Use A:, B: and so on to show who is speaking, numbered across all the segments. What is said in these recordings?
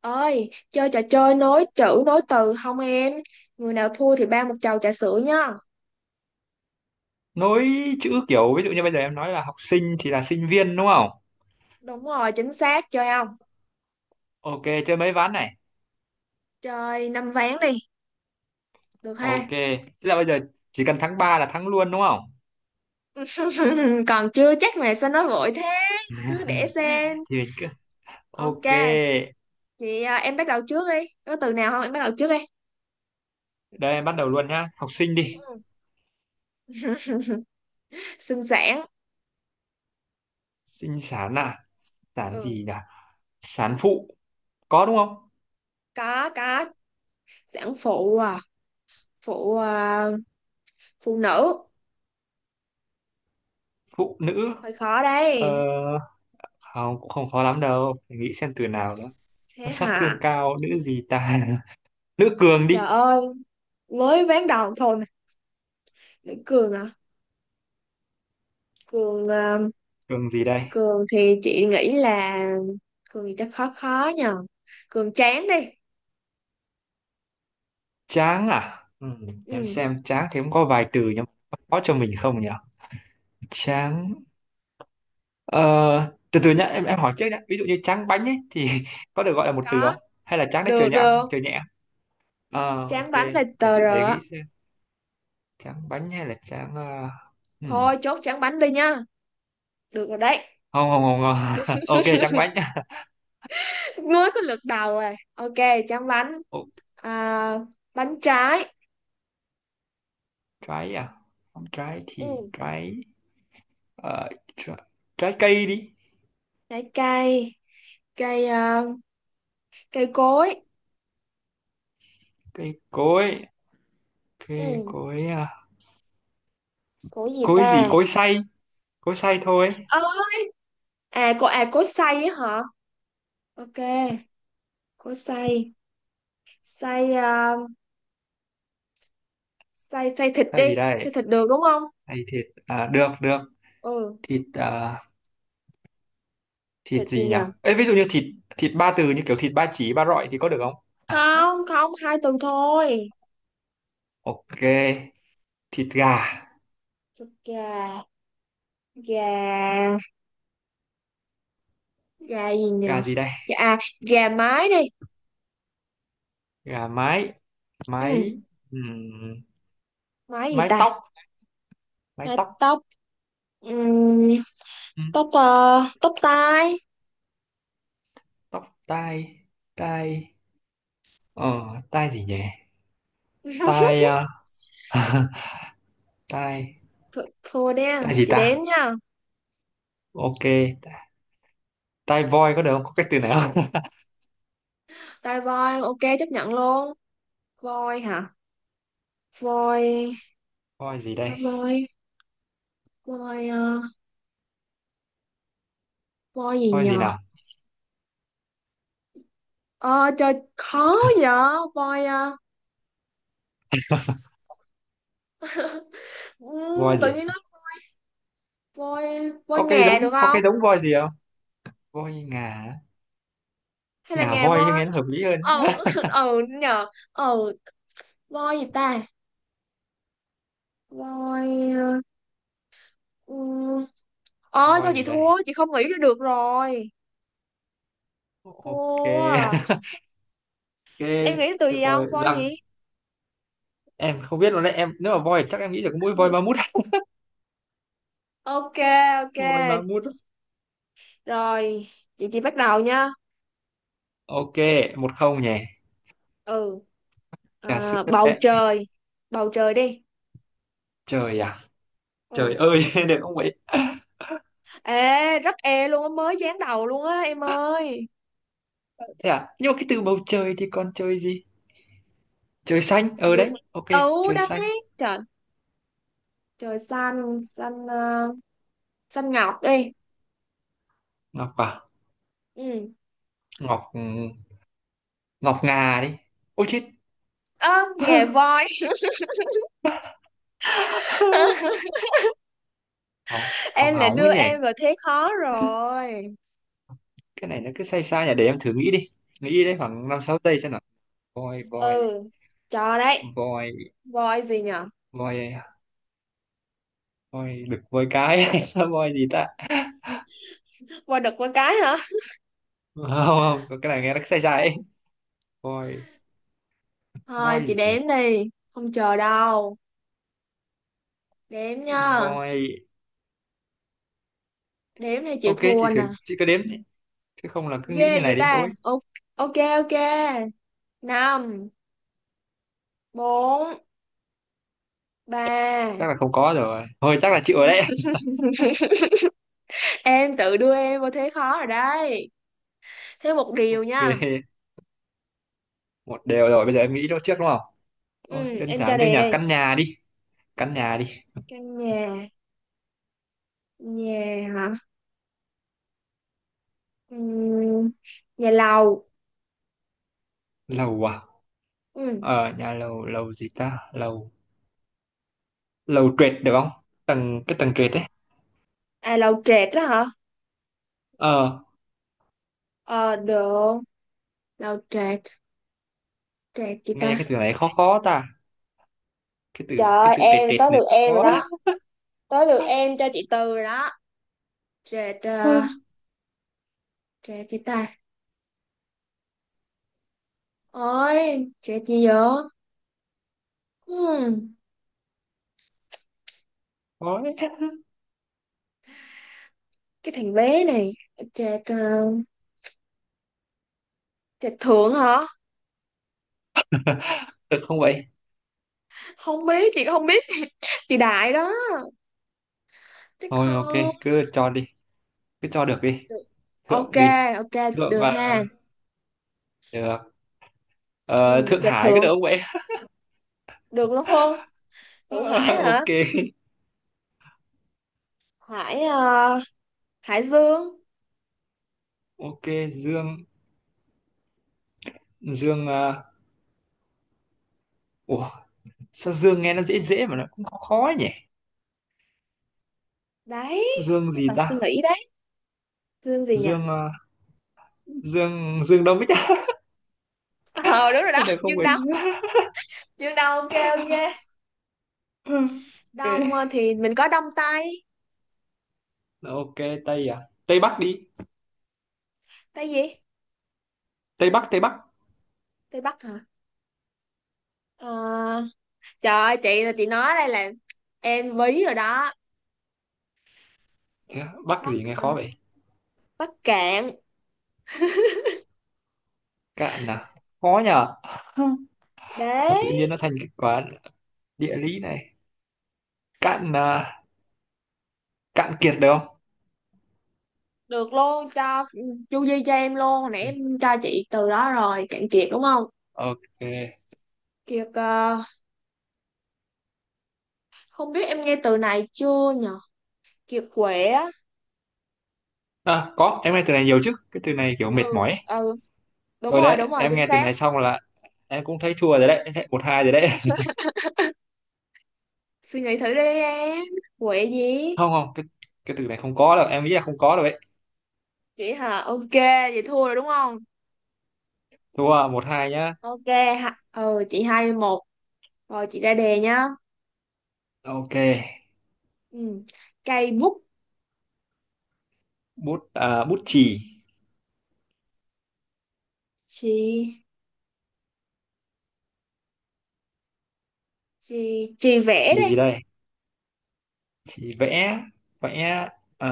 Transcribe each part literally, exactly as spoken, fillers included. A: Ơi, chơi trò chơi nối chữ nối từ không em? Người nào thua thì ba một chầu trà sữa nhá.
B: Nối chữ, kiểu ví dụ như bây giờ em nói là học sinh thì là sinh viên, đúng không?
A: Đúng rồi, chính xác, chơi không?
B: Ok, chơi mấy ván này.
A: Chơi năm ván đi, được
B: Ok,
A: ha.
B: tức là bây giờ chỉ cần thắng ba là thắng luôn, đúng không?
A: Còn chưa chắc mà sao nói vội thế. Cứ để xem.
B: Thì mình cứ...
A: Ok.
B: ok.
A: Chị à, em bắt đầu trước đi, có từ nào không, em bắt đầu trước đi.
B: Đây, em bắt đầu luôn nhá, học sinh đi.
A: Ừ. Sinh sản.
B: Sinh sản à? Sản
A: Ừ.
B: gì nhỉ? Sản phụ, có đúng không?
A: Có có. Sản phụ à. Phụ à, phụ nữ.
B: Phụ nữ.
A: Hơi khó
B: ờ,
A: đây.
B: Không, cũng không khó lắm đâu. Để nghĩ xem từ nào nữa. Nó
A: Thế
B: sát thương
A: hả?
B: cao. Nữ gì ta? Nữ cường
A: Trời
B: đi.
A: ơi, mới ván đầu thôi mà. Để cười mà. Cường ờ,
B: Cường gì đây?
A: Cường thì chị nghĩ là Cường thì chắc khó khó nhờ. Cường chán đi.
B: Chán à? Ừ, chán.
A: Ừ.
B: Xem chán thì cũng có vài từ nhưng mà có cho mình không nhỉ? Chán. Ờ, từ từ nhá, em em hỏi trước nhá. Ví dụ như chán bánh ấy thì có được gọi là một từ
A: Có,
B: không? Hay là chán đấy, trời
A: được
B: nhẹ,
A: được.
B: trời nhẹ. Ờ,
A: Tráng
B: ok,
A: bánh
B: để,
A: là
B: để
A: tờ
B: để
A: rờ
B: nghĩ
A: á.
B: xem. Chán bánh hay là chán ờ, hmm.
A: Thôi chốt tráng bánh đi nha, được rồi đấy.
B: Không, không, không. Không. Ok, chán bánh.
A: Mới có lượt đầu rồi, ok. Tráng bánh,
B: Ồ,
A: à, bánh trái.
B: trái à? Trái thì
A: Ừ,
B: trái. ờ, Trái, trái cây đi.
A: trái cây. Cây ờ, cây cối.
B: Cây cối, cây
A: Ừ,
B: cối à.
A: cối gì
B: Cối gì?
A: ta?
B: Cối xay. Cối xay thôi.
A: Ơ, à cô, à cối xay á hả? Ok, cối xay. Xay ờ, xay xay thịt
B: Xay gì
A: đi.
B: đây?
A: Xay thịt được đúng không?
B: Hay thịt à, được được.
A: Ừ.
B: Thịt à,
A: Thịt
B: thịt
A: gì
B: gì
A: nhỉ?
B: nhỉ? Ê, ví dụ như thịt thịt ba từ như kiểu thịt ba chỉ, ba rọi thì có được không?
A: Không không, hai từ thôi.
B: Ok, thịt gà.
A: Thịt gà. Gà, gà gì nhỉ?
B: Gà gì đây?
A: Gà à, gà mái đi.
B: Gà mái.
A: Ừ.
B: Mái. ừm,
A: Mái gì
B: Mái
A: ta?
B: tóc. Mái
A: Mái
B: tóc.
A: tóc. Ừ,
B: Ừm,
A: tóc ờ, tóc tai.
B: Tóc tai. Tai. ờ Tai gì nhỉ? Tai à? Tai,
A: Th thua nha,
B: tai gì
A: chị đếm
B: ta?
A: nha.
B: Ok, tai voi có được không? Có cái từ này không?
A: Tai voi ok, chấp nhận luôn. Voi hả? Voi,
B: Voi gì
A: tai
B: đây?
A: voi. Voi ờ, voi gì
B: Voi gì
A: nhờ?
B: nào?
A: ờ Trời khó vậy. Voi ờ,
B: Voi
A: ừ, tự
B: gì?
A: nhiên nó voi. Voi
B: Có cái
A: nghè được
B: giống có
A: không,
B: cái giống voi gì không? Voi ngà.
A: hay là
B: Ngà
A: nghè
B: voi cho
A: voi?
B: nghe nó hợp lý hơn.
A: ờ ờ nhờ. Ờ, voi gì ta? Voi ờ ờ, thôi
B: Voi
A: chị
B: gì đây?
A: thua, chị không nghĩ ra được rồi.
B: Ok.
A: Thua à.
B: Ok,
A: Em nghĩ từ
B: được
A: gì
B: rồi.
A: không, voi
B: Làm
A: gì?
B: em không biết luôn đấy em, nếu mà voi thì chắc em nghĩ được mỗi voi ma mút.
A: Ok. Ok.
B: Voi ma mút.
A: Rồi, chị chị bắt đầu nha.
B: Ok, một không nhỉ.
A: Ừ,
B: Trà sữa
A: à, bầu
B: đấy.
A: trời. Bầu trời đi.
B: Trời à? Trời
A: Ừ.
B: ơi. Được không vậy?
A: Ê, rất e luôn á, mới dán đầu luôn á em ơi.
B: Thế à, nhưng mà cái từ bầu trời thì còn trời gì? Trời xanh, ờ
A: Chịu
B: đấy,
A: mà.
B: ok.
A: Ừ,
B: Trời xanh.
A: đấy trời. Trời xanh, xanh ờ, xanh ngọc đi.
B: Ngọc à?
A: Ừ.
B: Ngọc, ừ, ngọc ngà đi. Ôi chết.
A: Ơ, nghề voi.
B: Hỏng, hỏng
A: Em lại
B: hỏng
A: đưa
B: ấy nhỉ.
A: em vào thế khó rồi.
B: Cái này nó cứ sai sai nhỉ, để em thử nghĩ đi. Nghĩ đi đấy, khoảng năm sáu giây xem. Voi, voi,
A: Ừ, cho đấy.
B: voi,
A: Voi gì nhở?
B: voi, voi đực, voi cái. Hay voi gì ta?
A: Voi đực con cái hả?
B: Không, không, có cái này nghe nó sai sai ấy. Voi,
A: Thôi chị
B: voi gì?
A: đếm đi, không chờ đâu. Đếm nha.
B: Voi.
A: Đếm thì chịu
B: Ok,
A: thua
B: chị thử,
A: nè.
B: chị cứ đếm đi, chứ không là cứ nghĩ
A: Ghê
B: như
A: vậy
B: này đến
A: ta.
B: tối.
A: Ok, ok. Ok. Năm, bốn, ba.
B: Chắc là không có rồi, thôi chắc là chịu rồi đấy.
A: Em tự đưa em vào thế khó rồi đấy. Thế một điều nha.
B: Ok, một đều rồi, bây giờ em nghĩ đó trước đúng không? Thôi
A: Ừ,
B: đơn
A: em cho
B: giản thôi
A: đề
B: nhỉ,
A: đây.
B: căn nhà đi. Căn nhà đi.
A: Căn nhà, nhà hả? Ừ, nhà lầu.
B: Lầu à?
A: Ừ.
B: Ờ, nhà lầu. Lầu gì ta? Lầu, lầu trệt được không? Tầng cái tầng trệt đấy.
A: À, lầu trệt đó hả?
B: Ờ,
A: Ờ, được. Lầu trệt, trệt gì
B: nghe cái
A: ta?
B: từ này khó khó ta. cái
A: Trời
B: từ cái
A: ơi,
B: từ trệt,
A: em,
B: trệt
A: tới
B: này
A: lượt em rồi
B: khó.
A: đó. Tới lượt em cho chị Từ rồi đó. Trệt,
B: Ơ,
A: ờ, trệt gì ta? Ôi, trệt gì vậy? Hmm,
B: khó đấy.
A: cái thằng bé này. Trệt, ờ, trệt thượng hả?
B: Được không vậy?
A: Không biết, chị cũng không biết. Chị Đại đó. Chứ
B: Thôi ok,
A: không.
B: cứ cho đi, cứ cho được đi.
A: Được. Ok,
B: Thượng đi.
A: ok,
B: Thượng
A: được
B: à?
A: ha.
B: Được.
A: Ừ,
B: Ờ, Thượng
A: Trạch
B: Hải có
A: Thượng
B: được không vậy?
A: được luôn không? Thượng Hải hả?
B: Ok,
A: Hải ờ, Hải Dương.
B: ok. Dương. Dương à? Ủa, sao dương nghe nó dễ dễ mà nó cũng khó khó ấy nhỉ?
A: Đấy,
B: Dương
A: mới
B: gì
A: cần suy
B: ta?
A: nghĩ đấy. Dương gì nhỉ?
B: Dương à? Dương, Dương Đông Bích à?
A: Ờ, đúng rồi
B: Có
A: đó,
B: được không
A: Dương
B: vậy?
A: Đông. Dương Đông ok ok. Đông ờ, thì mình có Đông Tây.
B: Ok, ok. Tây à? Tây Bắc đi.
A: Tây gì?
B: Tây Bắc, Tây Bắc.
A: Tây Bắc hả? Ờ, trời ơi, chị là chị nói đây là em bí rồi đó.
B: Thế á, bắc
A: Bắc
B: gì nghe
A: hả?
B: khó vậy?
A: Bắc Cạn.
B: Cạn à? Khó nhờ. Sao
A: Đấy,
B: tự nhiên nó thành cái quả địa lý này. Cạn à, cạn kiệt được không?
A: được luôn, cho chu di cho em luôn, hồi nãy em cho chị từ đó rồi. Cạn Kiệt đúng không?
B: Ok.
A: Kiệt ờ, không biết em nghe từ này chưa nhỉ? Kiệt quệ á.
B: À, có, em nghe từ này nhiều chứ, cái từ này kiểu mệt
A: Ừ
B: mỏi ấy.
A: ừ, đúng
B: Thôi
A: rồi đúng
B: đấy,
A: rồi,
B: em
A: chính
B: nghe từ
A: xác.
B: này xong là em cũng thấy thua rồi đấy. Em thấy một hai rồi đấy.
A: Suy nghĩ thử đi em, quệ gì?
B: Không, không, cái cái từ này không có đâu, em nghĩ là không có đâu đấy.
A: Chị hả? Ok, vậy thua rồi đúng không?
B: Thua một hai nhá.
A: Ok. Ha. Ừ, chị hai một. Rồi chị ra đề nhá.
B: Ok.
A: Ừ. Cây bút.
B: Bút à, bút chì.
A: Chị chị chị vẽ
B: Chì
A: đây.
B: gì đây? Chì vẽ. Vẽ. ờ,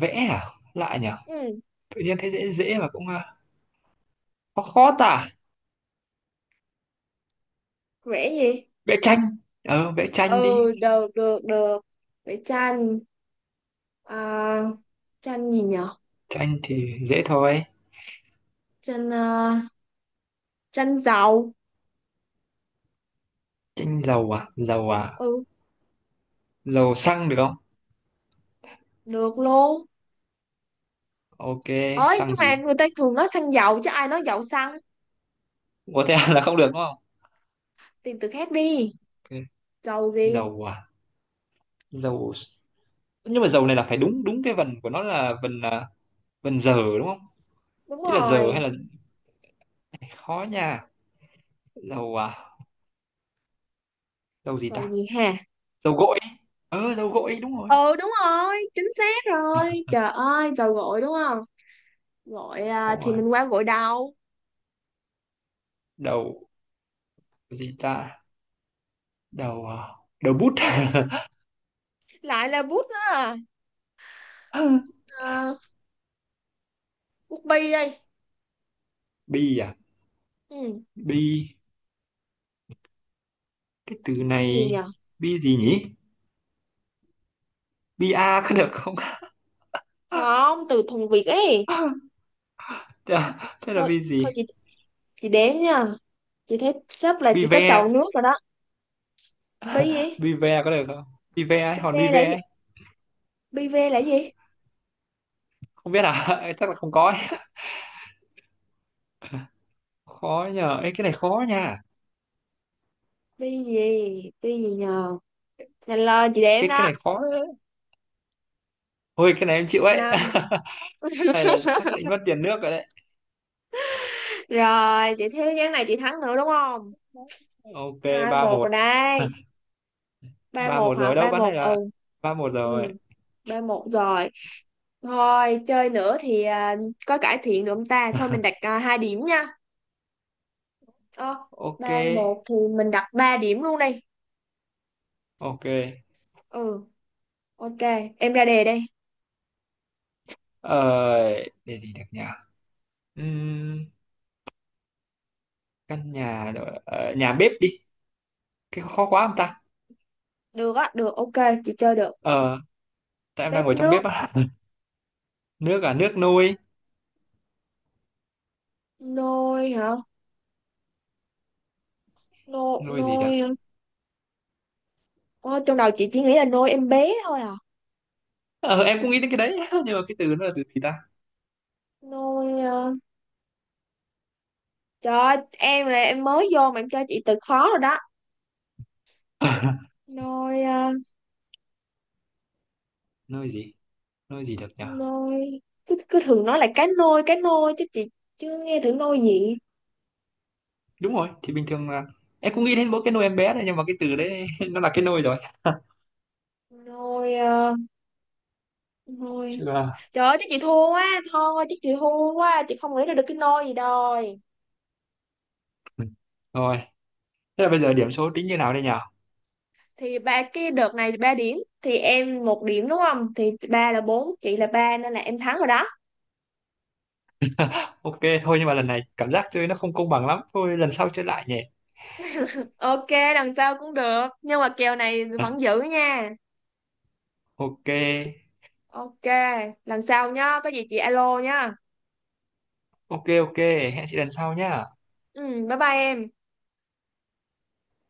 B: Vẽ à lại nhỉ?
A: Ừ.
B: Tự nhiên thấy dễ dễ mà cũng à, khó khó tả.
A: Vẽ gì?
B: Vẽ tranh. Ờ, vẽ tranh đi.
A: Ừ, được được được. Vẽ tranh, à, tranh gì nhở?
B: Tranh thì dễ thôi.
A: Tranh à, tranh dầu.
B: Tranh dầu à? Dầu à?
A: Ừ.
B: Dầu xăng được không?
A: Được luôn.
B: Ok,
A: Ơi,
B: xăng
A: nhưng mà
B: gì?
A: người ta thường nói xăng dầu, chứ ai nói dầu xăng?
B: Có thể là không được đúng không?
A: Tìm từ khác đi.
B: Ok.
A: Trầu gì?
B: Dầu à? Dầu, nhưng mà dầu này là phải đúng đúng cái vần của nó là vần à, vần giờ đúng không?
A: Đúng
B: Ý là giờ, hay
A: rồi.
B: là khó nha. Dầu à? Dầu gì
A: Trầu
B: ta?
A: gì hả?
B: Dầu gội. Ờ, dầu gội đúng rồi.
A: Ừ, đúng rồi, chính xác rồi, trời ơi, trầu gội đúng không? Gội à,
B: Đúng
A: thì
B: rồi.
A: mình qua gội đầu.
B: Đầu gì ta? Đầu à? Đầu bút.
A: Lại là bút đó à, à bút bi đây.
B: Bi à?
A: Ừ.
B: Bi, cái từ
A: Cái gì
B: này...
A: nhờ?
B: Bi gì nhỉ? Bi a có được không?
A: Không, từ thuần Việt ấy.
B: Thế là
A: thôi
B: bi
A: thôi
B: gì?
A: chị, chị đếm nha. Chị thấy sắp là chỉ
B: Bi
A: có
B: ve.
A: trầu nước rồi đó. Bi gì?
B: Vive có được không? Vive ấy,
A: Bi
B: hòn
A: bê là
B: Vive
A: gì?
B: ấy.
A: Bi bê là gì?
B: Không biết à. Chắc là không có ấy. Khó nhờ. Ê, cái này khó nha.
A: Bi gì, bi gì nhờ? Nhanh lên chị đếm
B: Ê, cái
A: đó.
B: này khó đấy. Ôi cái này em chịu ấy.
A: Năm.
B: Này là chắc đánh mất tiền nước rồi đấy.
A: Rồi, chị thấy ván này chị thắng nữa đúng không?
B: Ok,
A: Hai
B: ba
A: một rồi
B: một
A: đây.
B: Ba một
A: ba một hả?
B: rồi đâu,
A: Ba
B: bán
A: một
B: này
A: ừ.
B: là ba một
A: Ừ,
B: rồi.
A: ba một rồi. Thôi, chơi nữa thì à, có cải thiện được không ta? Thôi mình đặt à, hai điểm nha. Ờ,
B: Ok,
A: ba một thì mình đặt ba điểm luôn đi.
B: ok.
A: Ừ, ok. Em ra đề đây.
B: Ờ, để gì được nhỉ? Ừm, Căn nhà rồi. ờ, Nhà bếp đi. Cái khó quá không ta?
A: Được á, được, ok. Chị chơi được.
B: Ờ, tại em đang
A: Bếp
B: ngồi trong
A: nước.
B: bếp á. Nước à? Nước nuôi.
A: Nôi hả? Nôi,
B: Nuôi gì?
A: nôi. Ờ, trong đầu chị chỉ nghĩ là nôi em bé thôi à.
B: Ờ, em cũng nghĩ đến cái đấy, nhưng mà cái từ nó là từ gì ta?
A: Nôi... à, trời ơi, em là em mới vô mà em cho chị từ khó rồi đó. Nôi à,
B: Nơi gì? Nơi gì được nhỉ?
A: nôi. Cứ cứ thường nói là cá nôi cá nôi chứ chị chưa nghe thử nôi gì.
B: Đúng rồi, thì bình thường là em cũng nghĩ đến mỗi cái nôi em bé này, nhưng mà cái từ đấy nó là cái nôi rồi.
A: Nôi à, nôi,
B: Chứ là-
A: trời ơi chắc chị thua quá. Thôi chắc chị thua quá chị không nghĩ ra được cái nôi gì đòi.
B: Ừ. Rồi, thế là bây giờ điểm số tính như nào đây nhỉ?
A: Thì ba cái đợt này ba điểm, thì em một điểm đúng không, thì ba là bốn, chị là ba, nên là em thắng rồi đó.
B: Ok, thôi nhưng mà lần này cảm giác chơi nó không công bằng lắm, thôi lần sau chơi lại nhỉ.
A: Ok. Lần sau cũng được, nhưng mà kèo này vẫn giữ nha.
B: Ok.
A: Ok. Lần sau nhá, có gì chị alo nhá.
B: Ok, ok, hẹn chị lần sau nhá.
A: Ừ, bye bye em.